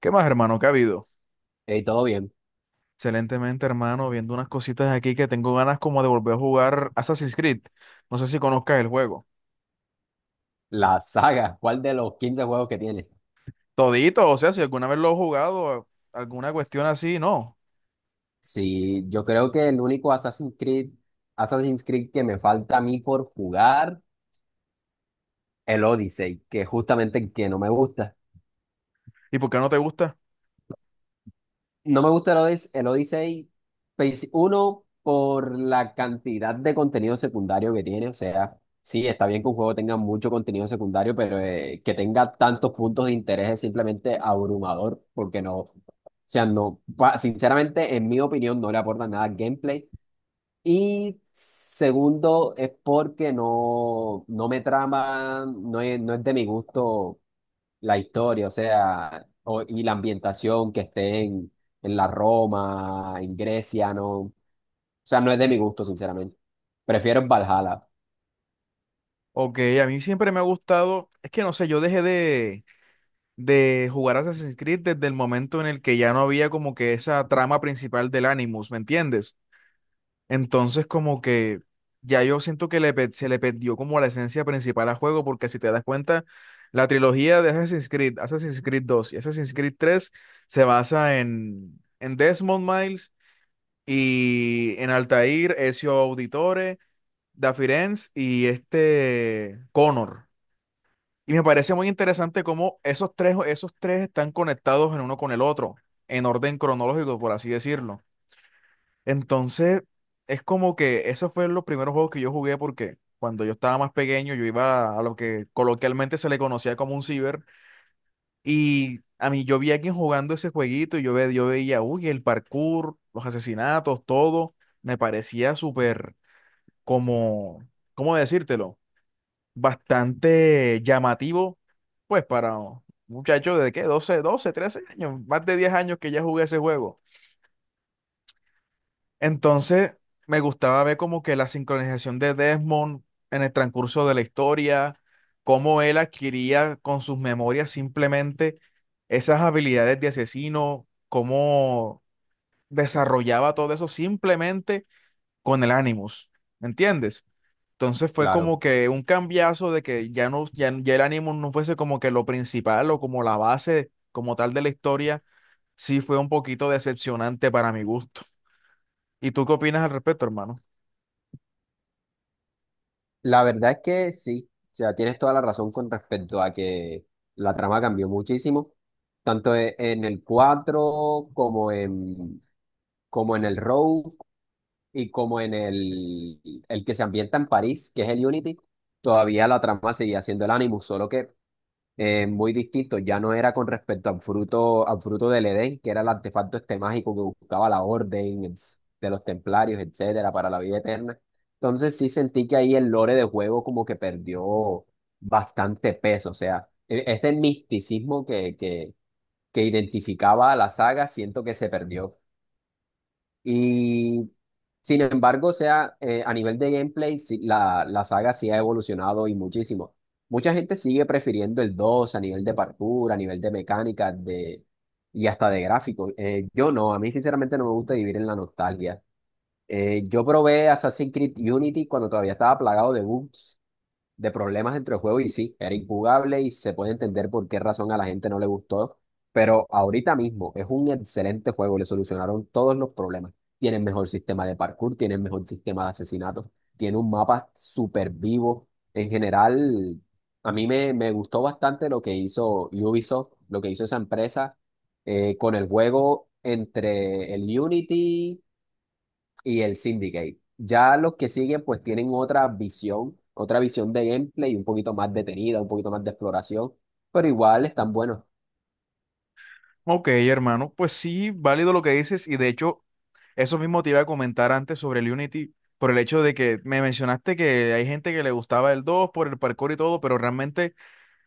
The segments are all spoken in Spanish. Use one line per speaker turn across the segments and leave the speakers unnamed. ¿Qué más, hermano? ¿Qué ha habido?
Y todo bien.
Excelentemente, hermano, viendo unas cositas aquí que tengo ganas como de volver a jugar Assassin's Creed. No sé si conozcas el juego.
La saga, ¿cuál de los 15 juegos que tiene?
Todito, o sea, si alguna vez lo has jugado, alguna cuestión así, no.
Sí, yo creo que el único Assassin's Creed que me falta a mí por jugar, el Odyssey, que es justamente el que no me gusta.
¿Y por qué no te gusta?
No me gusta el Odyssey, pues, uno, por la cantidad de contenido secundario que tiene. O sea, sí, está bien que un juego tenga mucho contenido secundario, pero que tenga tantos puntos de interés es simplemente abrumador, porque no, o sea, no, sinceramente, en mi opinión, no le aporta nada al gameplay. Y segundo, es porque no, no me trama, no es de mi gusto la historia, o sea, y la ambientación, que esté en la Roma, en Grecia, no, o sea, no es de mi gusto, sinceramente. Prefiero el Valhalla,
Ok, a mí siempre me ha gustado, es que no sé, yo dejé de jugar Assassin's Creed desde el momento en el que ya no había como que esa trama principal del Animus, ¿me entiendes? Entonces, como que ya yo siento que se le perdió como la esencia principal al juego, porque si te das cuenta, la trilogía de Assassin's Creed, Assassin's Creed dos y Assassin's Creed tres se basa en Desmond Miles y en Altair, Ezio Auditore, Da Firenze y este Connor. Y me parece muy interesante cómo esos tres están conectados en uno con el otro, en orden cronológico, por así decirlo. Entonces, es como que esos fueron los primeros juegos que yo jugué porque cuando yo estaba más pequeño yo iba a lo que coloquialmente se le conocía como un ciber y a mí yo vi a alguien jugando ese jueguito y yo, ve, yo veía, uy, el parkour, los asesinatos, todo, me parecía súper como, ¿cómo decírtelo? Bastante llamativo, pues para un muchacho de qué, doce 13 años, más de 10 años que ya jugué ese juego. Entonces, me gustaba ver como que la sincronización de Desmond en el transcurso de la historia, cómo él adquiría con sus memorias simplemente esas habilidades de asesino, cómo desarrollaba todo eso simplemente con el Animus, ¿me entiendes? Entonces fue
claro.
como que un cambiazo de que ya el Animus no fuese como que lo principal o como la base como tal de la historia, sí fue un poquito decepcionante para mi gusto. ¿Y tú qué opinas al respecto, hermano?
La verdad es que sí, o sea, tienes toda la razón con respecto a que la trama cambió muchísimo, tanto en el cuatro, como en el Road y como en el que se ambienta en París, que es el Unity, todavía la trama seguía siendo el Animus, solo que muy distinto. Ya no era con respecto al fruto del Edén, que era el artefacto este mágico que buscaba la orden, de los templarios, etcétera, para la vida eterna. Entonces sí sentí que ahí el lore de juego como que perdió bastante peso. O sea, este misticismo que identificaba a la saga, siento que se perdió. Y sin embargo, o sea, a nivel de gameplay, sí, la saga sí ha evolucionado y muchísimo. Mucha gente sigue prefiriendo el 2 a nivel de parkour, a nivel de mecánica de, y hasta de gráfico. Yo no, a mí sinceramente no me gusta vivir en la nostalgia. Yo probé Assassin's Creed Unity cuando todavía estaba plagado de bugs, de problemas entre el juego, y sí, era injugable y se puede entender por qué razón a la gente no le gustó, pero ahorita mismo es un excelente juego, le solucionaron todos los problemas. Tienen mejor sistema de parkour, tienen mejor sistema de asesinatos, tiene un mapa súper vivo. En general, a mí me gustó bastante lo que hizo Ubisoft, lo que hizo esa empresa con el juego entre el Unity y el Syndicate. Ya los que siguen pues tienen otra visión de gameplay un poquito más detenida, un poquito más de exploración, pero igual están buenos.
Ok, hermano, pues sí, válido lo que dices y de hecho eso mismo te iba a comentar antes sobre el Unity por el hecho de que me mencionaste que hay gente que le gustaba el dos por el parkour y todo, pero realmente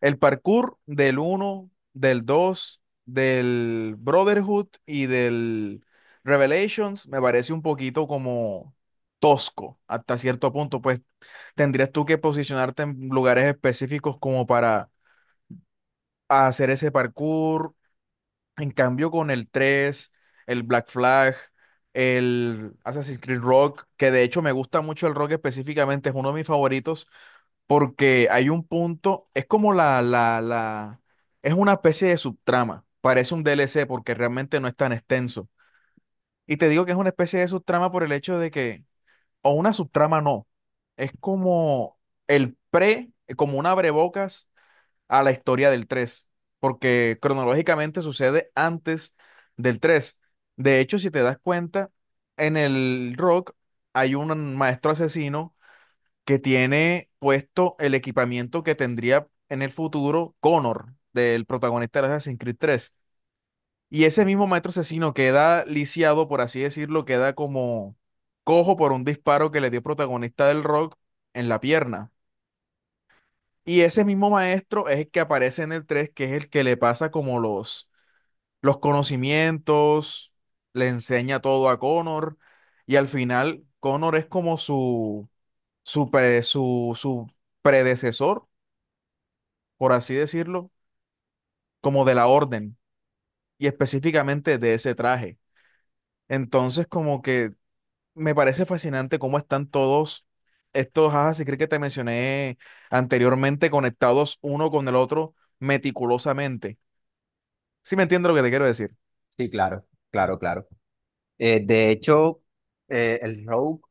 el parkour del uno, del 2, del Brotherhood y del Revelations me parece un poquito como tosco hasta cierto punto, pues tendrías tú que posicionarte en lugares específicos como para hacer ese parkour, en cambio, con el tres, el Black Flag, el Assassin's Creed Rock, que de hecho me gusta mucho el rock específicamente, es uno de mis favoritos, porque hay un punto, es como es una especie de subtrama, parece un DLC porque realmente no es tan extenso. Y te digo que es una especie de subtrama por el hecho de que, o una subtrama no, es como el pre, como un abrebocas a la historia del 3 porque cronológicamente sucede antes del tres. De hecho, si te das cuenta, en el rock hay un maestro asesino que tiene puesto el equipamiento que tendría en el futuro Connor, del protagonista de Assassin's Creed tres. Y ese mismo maestro asesino queda lisiado, por así decirlo, queda como cojo por un disparo que le dio el protagonista del rock en la pierna. Y ese mismo maestro es el que aparece en el 3 que es el que le pasa como los conocimientos, le enseña todo a Connor, y al final Connor es como su predecesor, por así decirlo, como de la orden, y específicamente de ese traje. Entonces, como que me parece fascinante cómo están todos estos Assassin's Creed que te mencioné anteriormente conectados uno con el otro meticulosamente. Sí me entiendo lo que te quiero decir.
Sí, claro, claro, claro. De hecho, el Rogue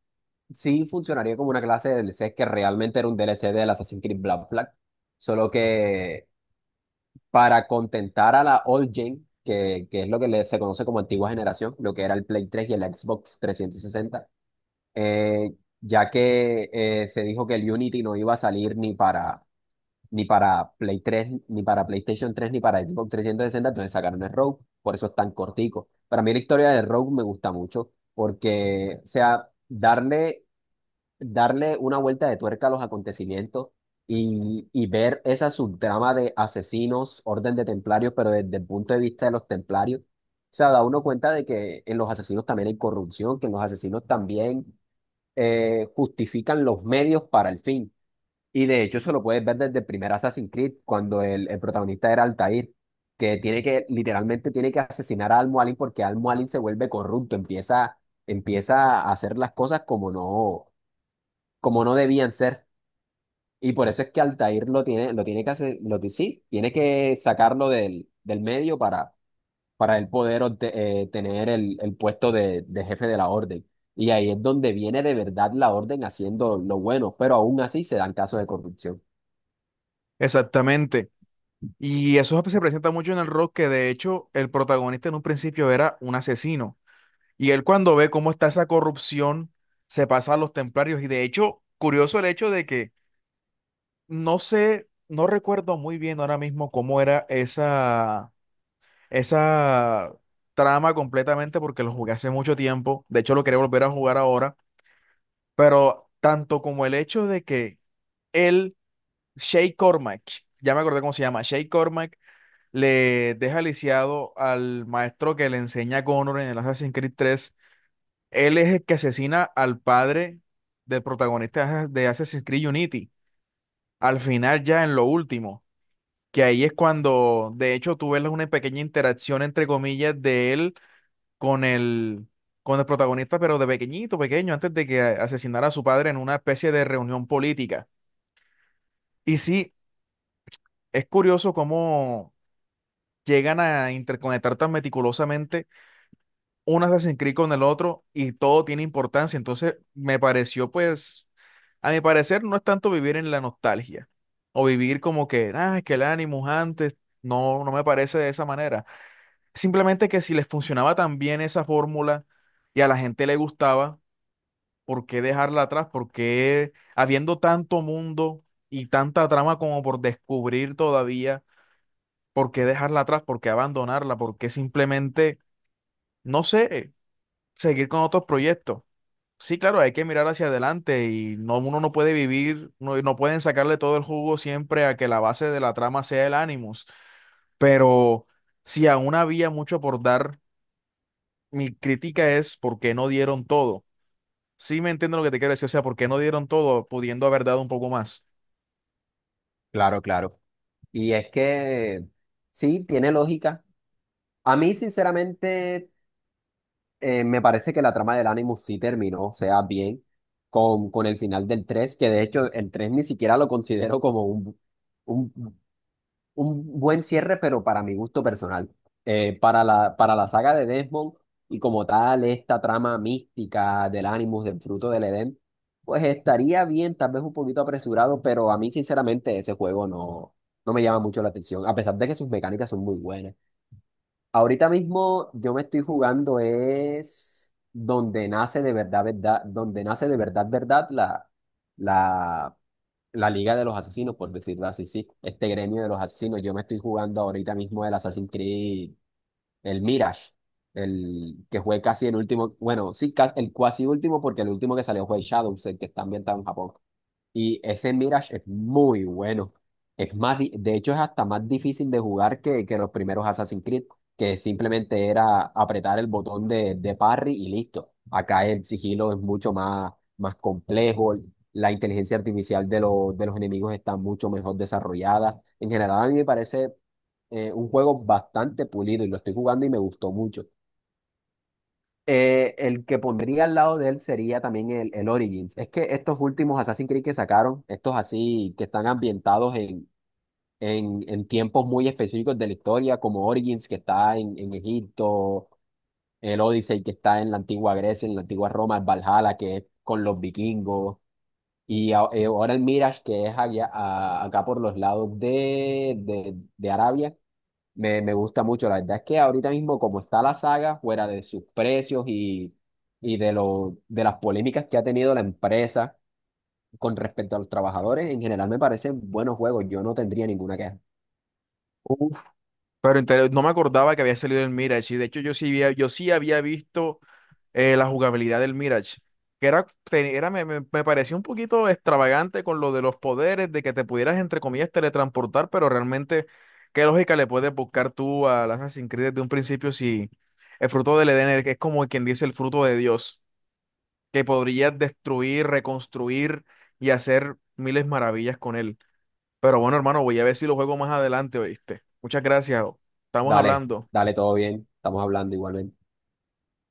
sí funcionaría como una clase de DLC, que realmente era un DLC del Assassin's Creed Black Flag, solo que para contentar a la old gen, que es lo que se conoce como antigua generación, lo que era el Play 3 y el Xbox 360, eh, ya que se dijo que el Unity no iba a salir ni para, Play 3 ni para PlayStation 3 ni para Xbox 360, entonces sacaron el Rogue, por eso es tan cortico. Para mí la historia de Rogue me gusta mucho, porque, o sea, darle una vuelta de tuerca a los acontecimientos y ver esa subtrama de asesinos, orden de templarios, pero desde el punto de vista de los templarios. O sea, da uno cuenta de que en los asesinos también hay corrupción, que en los asesinos también justifican los medios para el fin. Y de hecho, eso lo puedes ver desde el primer Assassin's Creed, cuando el protagonista era Altair, que tiene que, literalmente tiene que asesinar a Al-Mualim porque Al-Mualim se vuelve corrupto, empieza a hacer las cosas como no, debían ser. Y por eso es que Altair lo tiene que hacer, lo, sí, tiene que sacarlo del medio, para él poder tener el puesto de jefe de la orden. Y ahí es donde viene de verdad la orden haciendo lo bueno, pero aún así se dan casos de corrupción.
Exactamente. Y eso se presenta mucho en el rock, que de hecho el protagonista en un principio era un asesino. Y él cuando ve cómo está esa corrupción, se pasa a los templarios. Y de hecho, curioso el hecho de que no sé, no recuerdo muy bien ahora mismo cómo era esa trama completamente, porque lo jugué hace mucho tiempo. De hecho, lo quería volver a jugar ahora. Pero tanto como el hecho de que él Shay Cormac, ya me acordé cómo se llama, Shay Cormac le deja lisiado al maestro que le enseña a Connor en el Assassin's Creed 3. Él es el que asesina al padre del protagonista de Assassin's Creed Unity, al final ya en lo último, que ahí es cuando de hecho tú ves una pequeña interacción entre comillas de él con el, con el protagonista, pero de pequeñito, pequeño, antes de que asesinara a su padre en una especie de reunión política. Y sí, es curioso cómo llegan a interconectar tan meticulosamente un Assassin's Creed con el otro y todo tiene importancia. Entonces, me pareció, pues, a mi parecer, no es tanto vivir en la nostalgia o vivir como que, ah, es que el Animus antes, no, no me parece de esa manera. Simplemente que si les funcionaba tan bien esa fórmula y a la gente le gustaba, ¿por qué dejarla atrás? ¿Por qué habiendo tanto mundo y tanta trama como por descubrir todavía? ¿Por qué dejarla atrás? ¿Por qué abandonarla? ¿Por qué simplemente no sé, seguir con otros proyectos? Sí, claro, hay que mirar hacia adelante y no, uno no puede vivir, no, no pueden sacarle todo el jugo siempre a que la base de la trama sea el Animus, pero si aún había mucho por dar, mi crítica es por qué no dieron todo. Sí me entiendo lo que te quiero decir, o sea, por qué no dieron todo, pudiendo haber dado un poco más.
Claro, claro. Y es que sí, tiene lógica. A mí, sinceramente, me parece que la trama del Animus sí terminó, o sea, bien, con el final del tres, que de hecho el 3 ni siquiera lo considero como un, un un buen cierre, pero para mi gusto personal. Para la saga de Desmond y como tal, esta trama mística del Animus, del fruto del Edén, pues estaría bien, tal vez un poquito apresurado, pero a mí sinceramente ese juego no, no me llama mucho la atención, a pesar de que sus mecánicas son muy buenas. Ahorita mismo yo me estoy jugando, es donde nace de verdad, verdad, donde nace de verdad, verdad la la Liga de los Asesinos, por decirlo así, sí. Este gremio de los asesinos, yo me estoy jugando ahorita mismo el Assassin's Creed, el Mirage, el que fue casi el último, bueno, sí, casi, el cuasi último, porque el último que salió fue el Shadows, el que está ambientado en Japón. Y ese Mirage es muy bueno. Es más, de hecho, es hasta más difícil de jugar que los primeros Assassin's Creed, que simplemente era apretar el botón de parry y listo. Acá el sigilo es mucho más complejo. La inteligencia artificial los de los enemigos está mucho mejor desarrollada. En general, a mí me parece un juego bastante pulido, y lo estoy jugando y me gustó mucho. El que pondría al lado de él sería también el Origins. Es que estos últimos Assassin's Creed que sacaron, estos así que están ambientados en tiempos muy específicos de la historia, como Origins que está en Egipto, el Odyssey que está en la antigua Grecia, en la antigua Roma, el Valhalla que es con los vikingos, y ahora el Mirage, que es acá por los lados de Arabia, me gusta mucho. La verdad es que ahorita mismo, como está la saga, fuera de sus precios, y de lo, de las polémicas que ha tenido la empresa con respecto a los trabajadores, en general me parecen buenos juegos. Yo no tendría ninguna queja.
Uf, pero inter- no me acordaba que había salido el Mirage y de hecho yo sí había visto la jugabilidad del Mirage, que era, me parecía un poquito extravagante con lo de los poderes, de que te pudieras, entre comillas, teletransportar, pero realmente, ¿qué lógica le puedes buscar tú al Assassin's Creed desde un principio si el fruto del Edén es como quien dice el fruto de Dios, que podrías destruir, reconstruir y hacer miles maravillas con él? Pero bueno, hermano, voy a ver si lo juego más adelante, ¿oíste? Muchas gracias, estamos
Dale,
hablando.
dale, todo bien. Estamos hablando igualmente.